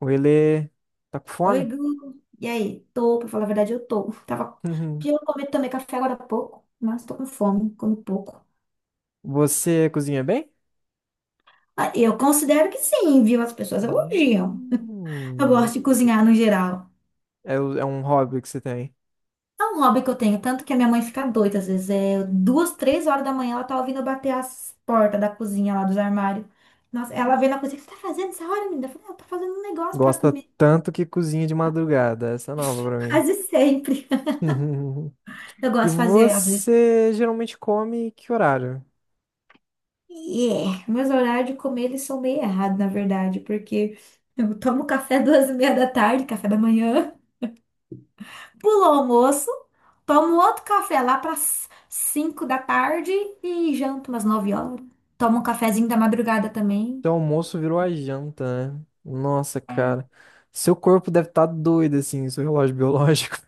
O Ele tá com Oi, fome? Gu. E aí? Tô, pra falar a verdade, eu tô. Tava... Eu comi também café agora há pouco, mas tô com fome, comi pouco. Você cozinha bem? Ah, eu considero que sim, viu? As pessoas elogiam. Eu Hum, gosto de cozinhar no geral. é, é um hobby que você tem. É um hobby que eu tenho, tanto que a minha mãe fica doida às vezes. É duas, três horas da manhã, ela tá ouvindo eu bater as portas da cozinha lá dos armários. Nossa, ela vem na cozinha, o que você tá fazendo essa hora, menina? Eu falei, "Ah, eu tô fazendo um negócio pra Gosta comer. tanto que cozinha de madrugada. Essa é nova pra mim. Quase sempre. Eu E gosto de fazer, às vezes. você geralmente come que horário? E é, meus horários de comer eles são meio errados, na verdade, porque eu tomo café duas e meia da tarde, café da manhã, pulo o almoço, tomo outro café lá para cinco da tarde e janto umas 9 horas. Tomo um cafezinho da madrugada também. Seu almoço virou a janta, né? Nossa, cara. Seu corpo deve estar doido, assim, seu relógio biológico.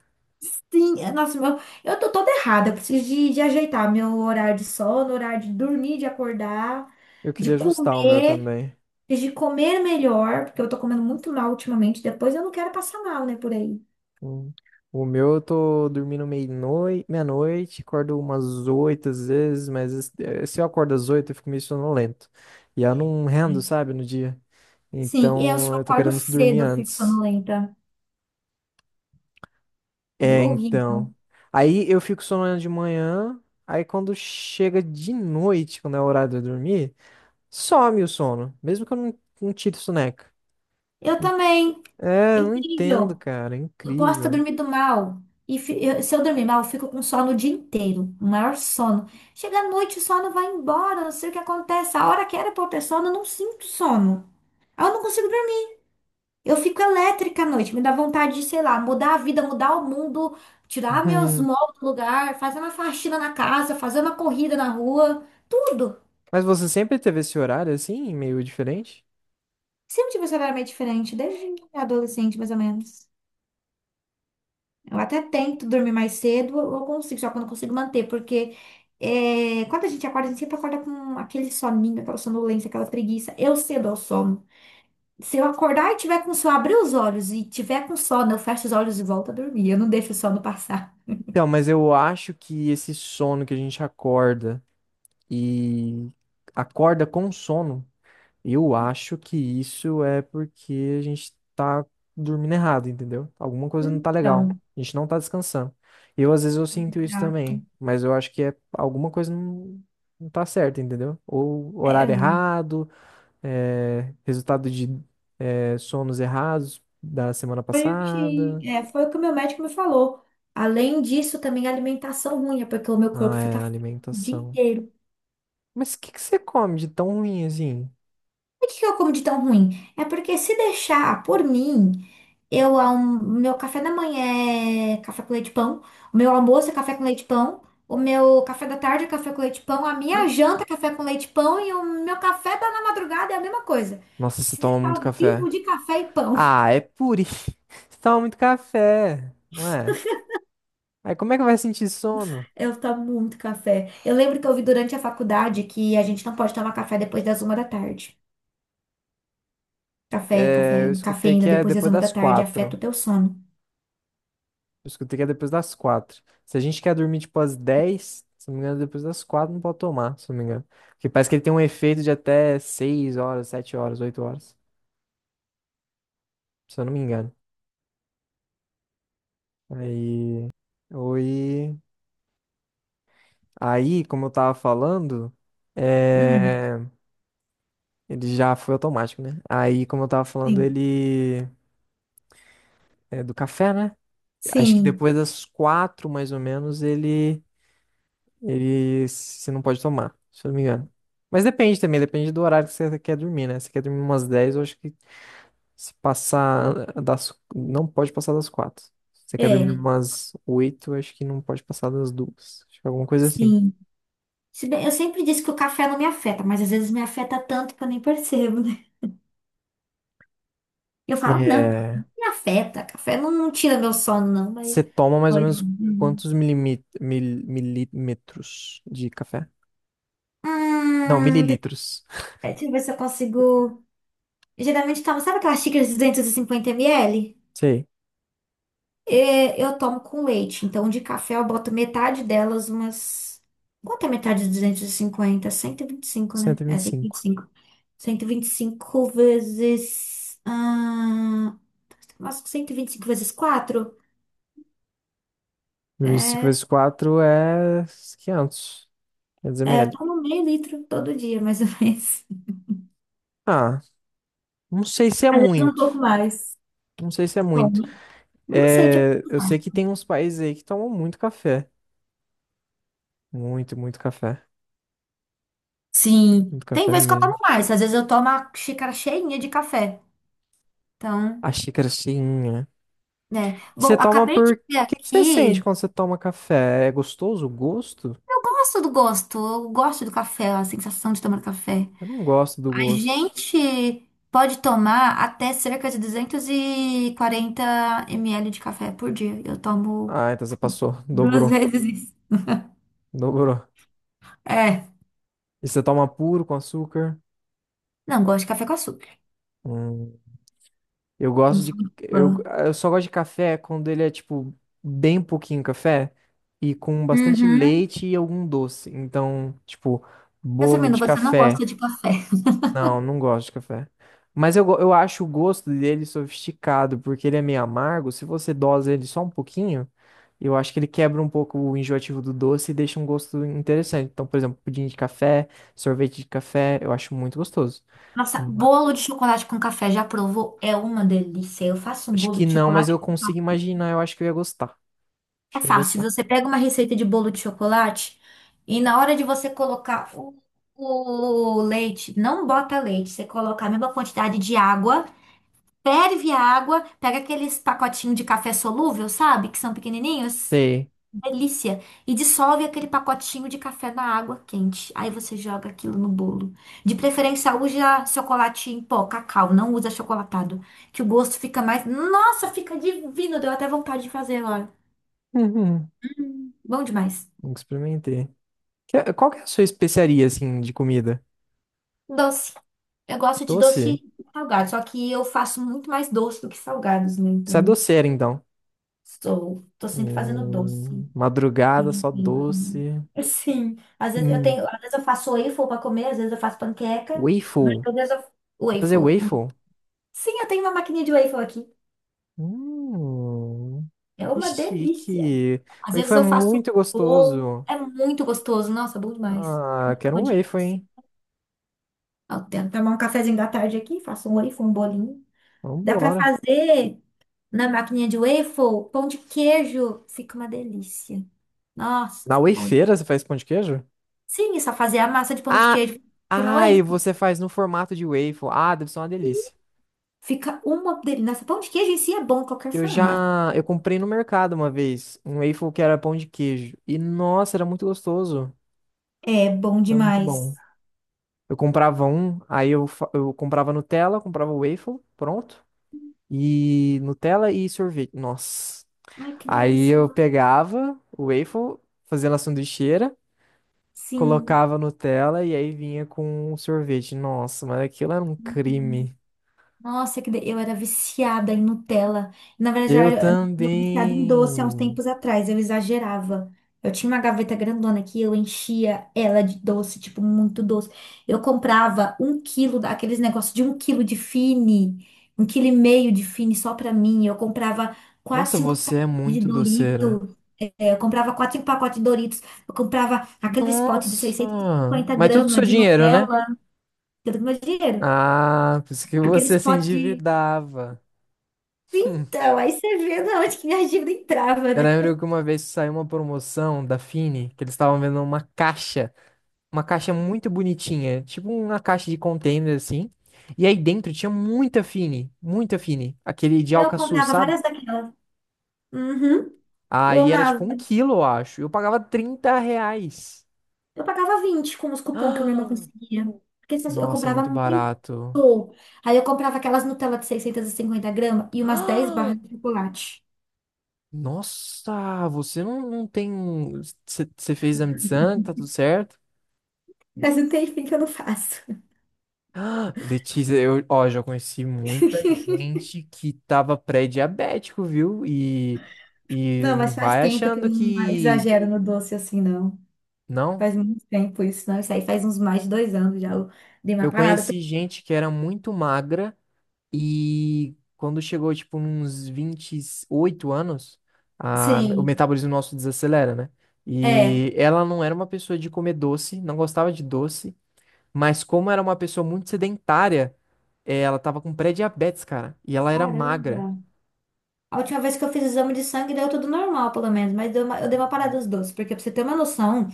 Sim, é, nossa, meu, eu tô toda errada, eu preciso de ajeitar meu horário de sono, horário de dormir, de acordar, Eu de queria ajustar o meu comer, também. de comer melhor, porque eu tô comendo muito mal ultimamente, depois eu não quero passar mal, né, por aí. Hum. O meu eu tô dormindo meia-noite, meia-noite, acordo umas 8 às vezes, mas se eu acordo às 8 eu fico meio sonolento. E eu não rendo, sabe, no dia. Sim, eu Então só eu tô acordo querendo dormir cedo, eu fico antes. sonolenta. É É, horrível. então. Aí eu fico sonolento de manhã, aí quando chega de noite, quando é o horário de eu dormir, some o sono, mesmo que eu não tire soneca. Eu também. É, É eu não entendo, incrível. cara, é Eu posso ter incrível. dormido mal. Se eu dormir mal, eu fico com sono o dia inteiro. O maior sono. Chega à noite, o sono vai embora. Não sei o que acontece. A hora que era pra eu ter sono, eu não sinto sono. Aí eu não consigo dormir. Eu fico elétrica à noite. Me dá vontade de, sei lá, mudar a vida, mudar o mundo, tirar meus móveis do lugar, fazer uma faxina na casa, fazer uma corrida na rua. Tudo. Mas você sempre teve esse horário assim, meio diferente? Sempre tive esse horário meio diferente, desde adolescente, mais ou menos. Eu até tento dormir mais cedo, eu consigo, só que eu não consigo manter, porque é, quando a gente acorda, a gente sempre acorda com aquele soninho, aquela sonolência, aquela preguiça. Eu cedo ao sono. Se eu acordar e tiver com sono, abrir os olhos e tiver com sono, eu fecho os olhos e volto a dormir. Eu não deixo o sono passar. Então, mas eu acho que esse sono que a gente acorda e acorda com sono, eu acho que isso é porque a gente tá dormindo errado, entendeu? Alguma coisa não tá legal. Então, A gente não tá descansando. Eu, às vezes, eu sinto isso já- também, mas eu acho que é alguma coisa não, não tá certa, entendeu? Ou horário é, errado, é, resultado de é, sonos errados da semana passada. Foi o que o meu médico me falou. Além disso, também a alimentação ruim, é porque o meu corpo Ah, fica é, fraco o dia alimentação. inteiro. Mas o que que você come de tão ruim assim? Por que que eu como de tão ruim? É porque se deixar por mim, meu café da manhã é café com leite e pão, o meu almoço é café com leite e pão, o meu café da tarde é café com leite e pão, a minha janta é café com leite e pão e o meu café da na madrugada é a mesma coisa. Nossa, você Se toma deixar muito eu café. vivo de café e pão. Ah, é puri. Você toma muito café, não é? Aí como é que vai sentir sono? Eu tomo muito café. Eu lembro que eu vi durante a faculdade que a gente não pode tomar café depois das 1 da tarde. Café, café, É, eu escutei que cafeína é depois das depois uma da das tarde afeta o 4. teu sono. Eu escutei que é depois das quatro. Se a gente quer dormir tipo às 10, se não me engano, é depois das quatro não pode tomar, se não me engano. Porque parece que ele tem um efeito de até 6 horas, 7 horas, 8 horas, se eu não me engano. Aí. Oi. Aí, como eu tava falando. Hum. Hum, É... Ele já foi automático, né? Aí, como eu tava falando, sim. ele é do café, né? Acho que Sim, depois das quatro, mais ou menos, ele se não pode tomar, se eu não me engano. Mas depende também, depende do horário que você quer dormir, né? Se você quer dormir umas 10, eu acho que se passar das não pode passar das 4. Se você quer dormir é. umas 8, eu acho que não pode passar das 2. Acho que é alguma coisa assim. Sim. Se bem, eu sempre disse que o café não me afeta, mas às vezes me afeta tanto que eu nem percebo, né? Eu falo, não, café não É, me afeta, café não, não tira meu sono, não, mas. você toma mais ou Pode. menos Uhum. quantos milímetros de café? Não, Hum, deixa mililitros. deixa eu ver se eu consigo. Eu geralmente tomo, sabe aquelas xícaras de 250 ml? Sei, É, eu tomo com leite, então de café eu boto metade delas, umas. Quanto é metade de duzentos e cinquenta? Cento e vinte e cinco, né? cento e É vinte e cinco, 125. Cento e vinte e cinco vezes. Ah, acho que 125 vezes quatro. 25 vezes 4 é 500 500 É, ml. toma um meio litro todo dia, mais ou menos. Ah, não sei se é Às vezes um muito. pouco mais. Não sei se é Bom, muito. não sei, tipo. É, eu sei que tem uns países aí que tomam muito café. Muito, muito café. Sim, Muito tem café vezes que eu mesmo. tomo mais. Às vezes eu tomo uma xícara cheinha de café. Então, A xícara cheinha. né. Você Bom, toma acabei por... de O ver que que você sente aqui. quando você toma café? É gostoso o gosto? Eu gosto do gosto. Eu gosto do café, a sensação de tomar café. Eu não gosto do A gosto. gente pode tomar até cerca de 240 ml de café por dia. Eu tomo Ah, então você passou. duas Dobrou. vezes isso. Dobrou. É. E você toma puro com açúcar? Não gosto de café com açúcar. Hum. Eu Não gosto sou de. muito fã. Eu só gosto de café quando ele é, tipo, bem pouquinho café e com bastante Uhum. leite e algum doce. Então, tipo, bolo Resumindo, de você não café. gosta de café. Não, não gosto de café. Mas eu acho o gosto dele sofisticado, porque ele é meio amargo. Se você dosa ele só um pouquinho, eu acho que ele quebra um pouco o enjoativo do doce e deixa um gosto interessante. Então, por exemplo, pudim de café, sorvete de café, eu acho muito gostoso. Nossa, Ma- bolo de chocolate com café, já provou? É uma delícia. Eu faço um Acho bolo que de não, mas chocolate eu com consigo café. imaginar, eu acho que eu ia gostar. É Achei fácil. gostar. Você pega uma receita de bolo de chocolate e na hora de você colocar o leite, não bota leite, você coloca a mesma quantidade de água. Ferve a água, pega aqueles pacotinhos de café solúvel, sabe? Que são pequenininhos. Sei. Delícia. E dissolve aquele pacotinho de café na água quente. Aí você joga aquilo no bolo. De preferência, usa chocolate em pó, cacau. Não usa achocolatado. Que o gosto fica mais. Nossa, fica divino. Deu até vontade de fazer agora. Uhum. Bom demais. Nunca experimentei. Qual que é a sua especiaria, assim, de comida? Doce. Eu gosto de doce Doce? salgado. Só que eu faço muito mais doce do que salgados, né? Você é Então, doceira, então. sou. Tô sempre fazendo doce. Madrugada, só Para comer. doce. Sim, às vezes eu Hum. tenho, às vezes eu faço waffle para comer, às vezes eu faço panqueca, mas Waffle. às vezes eu Vou fazer waffle. Hum. waffle? Sim, eu tenho uma maquininha de waffle aqui. Hum, É que uma delícia. chique. Às vezes Waffle é eu faço muito bolo, gostoso. é muito gostoso. Nossa, é bom demais. Ah, quero um Pudim. waffle, hein? Eu tento tomar um cafezinho da tarde aqui, faço um waffle, um bolinho. Dá para Vambora. fazer na maquininha de waffle, pão de queijo, fica uma delícia. Nossa, Na fica bom demais. wafeira você faz pão de queijo? Sim, é só fazer a massa de pão de Ah, queijo, pôr na ah, e waffle. você faz no formato de waffle. Ah, deve ser uma delícia. Fica uma delícia. Nossa, pão de queijo em si é bom em qualquer Eu formato. já, eu comprei no mercado uma vez, um waffle que era pão de queijo. E nossa, era muito gostoso. É bom Era muito demais. bom. Eu comprava um, eu comprava Nutella, comprava o waffle, pronto. E Nutella e sorvete. Nossa. Ai, que Aí delícia, né? eu pegava o waffle, fazia na sanduicheira, Sim. colocava Nutella e aí vinha com o sorvete. Nossa, mas aquilo era um Uhum. crime. Nossa, eu era viciada em Nutella. Na verdade, eu Eu era eu era viciada em também. doce há uns tempos atrás. Eu exagerava. Eu tinha uma gaveta grandona que eu enchia ela de doce, tipo, muito doce. Eu comprava 1 quilo daqueles negócios de 1 quilo de Fini, 1 quilo e meio de Fini só pra mim. Eu comprava quatro, Nossa, cinco você é pacotes de muito doceira. Dorito. Eu comprava quatro pacotes de Doritos. Eu comprava aqueles potes de Nossa! 650 Mas tudo com gramas seu de dinheiro, né? Nutella. Tudo com meu dinheiro. Ah, por isso que Aqueles você se potes de... endividava. Então, aí você vê de onde que minha dívida entrava, Eu né? lembro que uma vez saiu uma promoção da Fini, que eles estavam vendo uma caixa muito bonitinha, tipo uma caixa de container assim. E aí dentro tinha muita Fini, aquele de Eu Alcaçuz, comprava sabe? várias daquelas. Uhum. Eu Aí era amava. tipo um quilo, eu acho. Eu pagava R$ 30. Eu pagava 20 com os cupons que minha irmã Ah, conseguia. Porque eu nossa, comprava muito muito. barato. Aí eu comprava aquelas Nutella de 650 gramas e umas 10 barras de chocolate. Nossa, você não tem. Você fez exame de sangue, tá tudo certo? Mas não tem fim que eu não faço. Ah, Letícia, eu, ó, já conheci muita gente que tava pré-diabético, viu? E Não, não mas faz vai tempo que achando eu não que. exagero no doce assim, não. Não. Faz muito tempo isso, não? Isso aí faz uns mais de 2 anos já. Eu dei uma Eu parada. Conheci gente que era muito magra e quando chegou, tipo, uns 28 anos, o Sim, metabolismo nosso desacelera, né? é. E ela não era uma pessoa de comer doce, não gostava de doce. Mas como era uma pessoa muito sedentária, ela tava com pré-diabetes, cara. E ela era magra. Caramba. A última vez que eu fiz exame de sangue deu tudo normal, pelo menos, mas eu dei uma parada dos doces, porque pra você ter uma noção,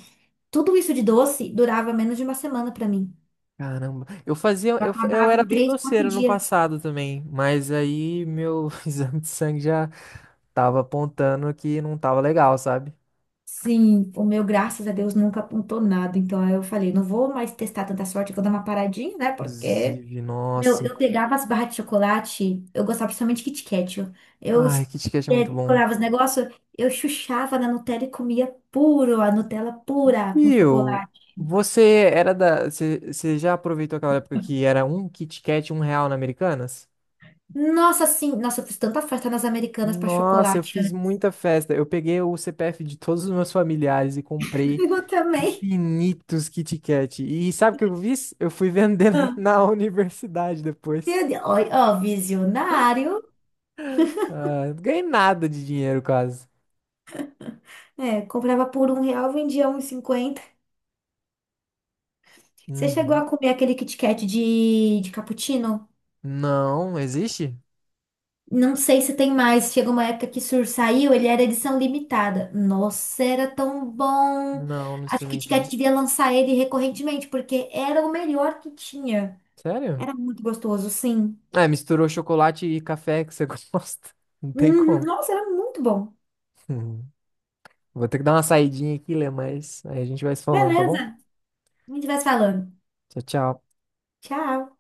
tudo isso de doce durava menos de uma semana pra mim. Caramba. Eu fazia, Eu eu, fa- Eu acabava era em bem três, quatro doceiro no dias. passado também, mas aí meu exame de sangue já tava apontando que não tava legal, sabe? Sim, o meu, graças a Deus, nunca apontou nada. Então aí eu falei, não vou mais testar tanta sorte que eu dou uma paradinha, né? Porque Inclusive, meu, nossa. eu pegava as barras de chocolate, eu gostava principalmente de Kit Kat, ó. Eu, Ai, KitKat é muito bom. colava os negócios, eu chuchava na Nutella e comia puro, a Nutella pura com E eu, chocolate. você era da, você já aproveitou aquela época que era um KitKat 1 real na Americanas? Nossa, sim, nossa, eu fiz tanta festa nas Americanas pra Nossa, eu chocolate, fiz né? muita festa. Eu peguei o CPF de todos os meus familiares e comprei Eu também. infinitos Kit Kat. E sabe o que eu fiz? Eu fui vender Ah. na universidade depois. Meu Deus, ó, ó, visionário. Ah, não ganhei nada de dinheiro quase. É, comprava por R$ 1, vendia 1,50. Você chegou Uhum. a comer aquele Kit Kat de cappuccino? Não, existe? Não sei se tem mais. Chega uma época que Sur saiu, ele era edição limitada. Nossa, era tão bom. Não, não Acho que Kit Kat experimentei. devia lançar ele recorrentemente, porque era o melhor que tinha. Sério? Era muito gostoso, sim. Ah, misturou chocolate e café que você gosta. Não tem Uhum, como. nossa, era muito bom. Uhum. Vou ter que dar uma saidinha aqui, Lê, mas aí a gente vai se falando, tá bom? Beleza. A gente vai se falando. Tchau, tchau. Tchau.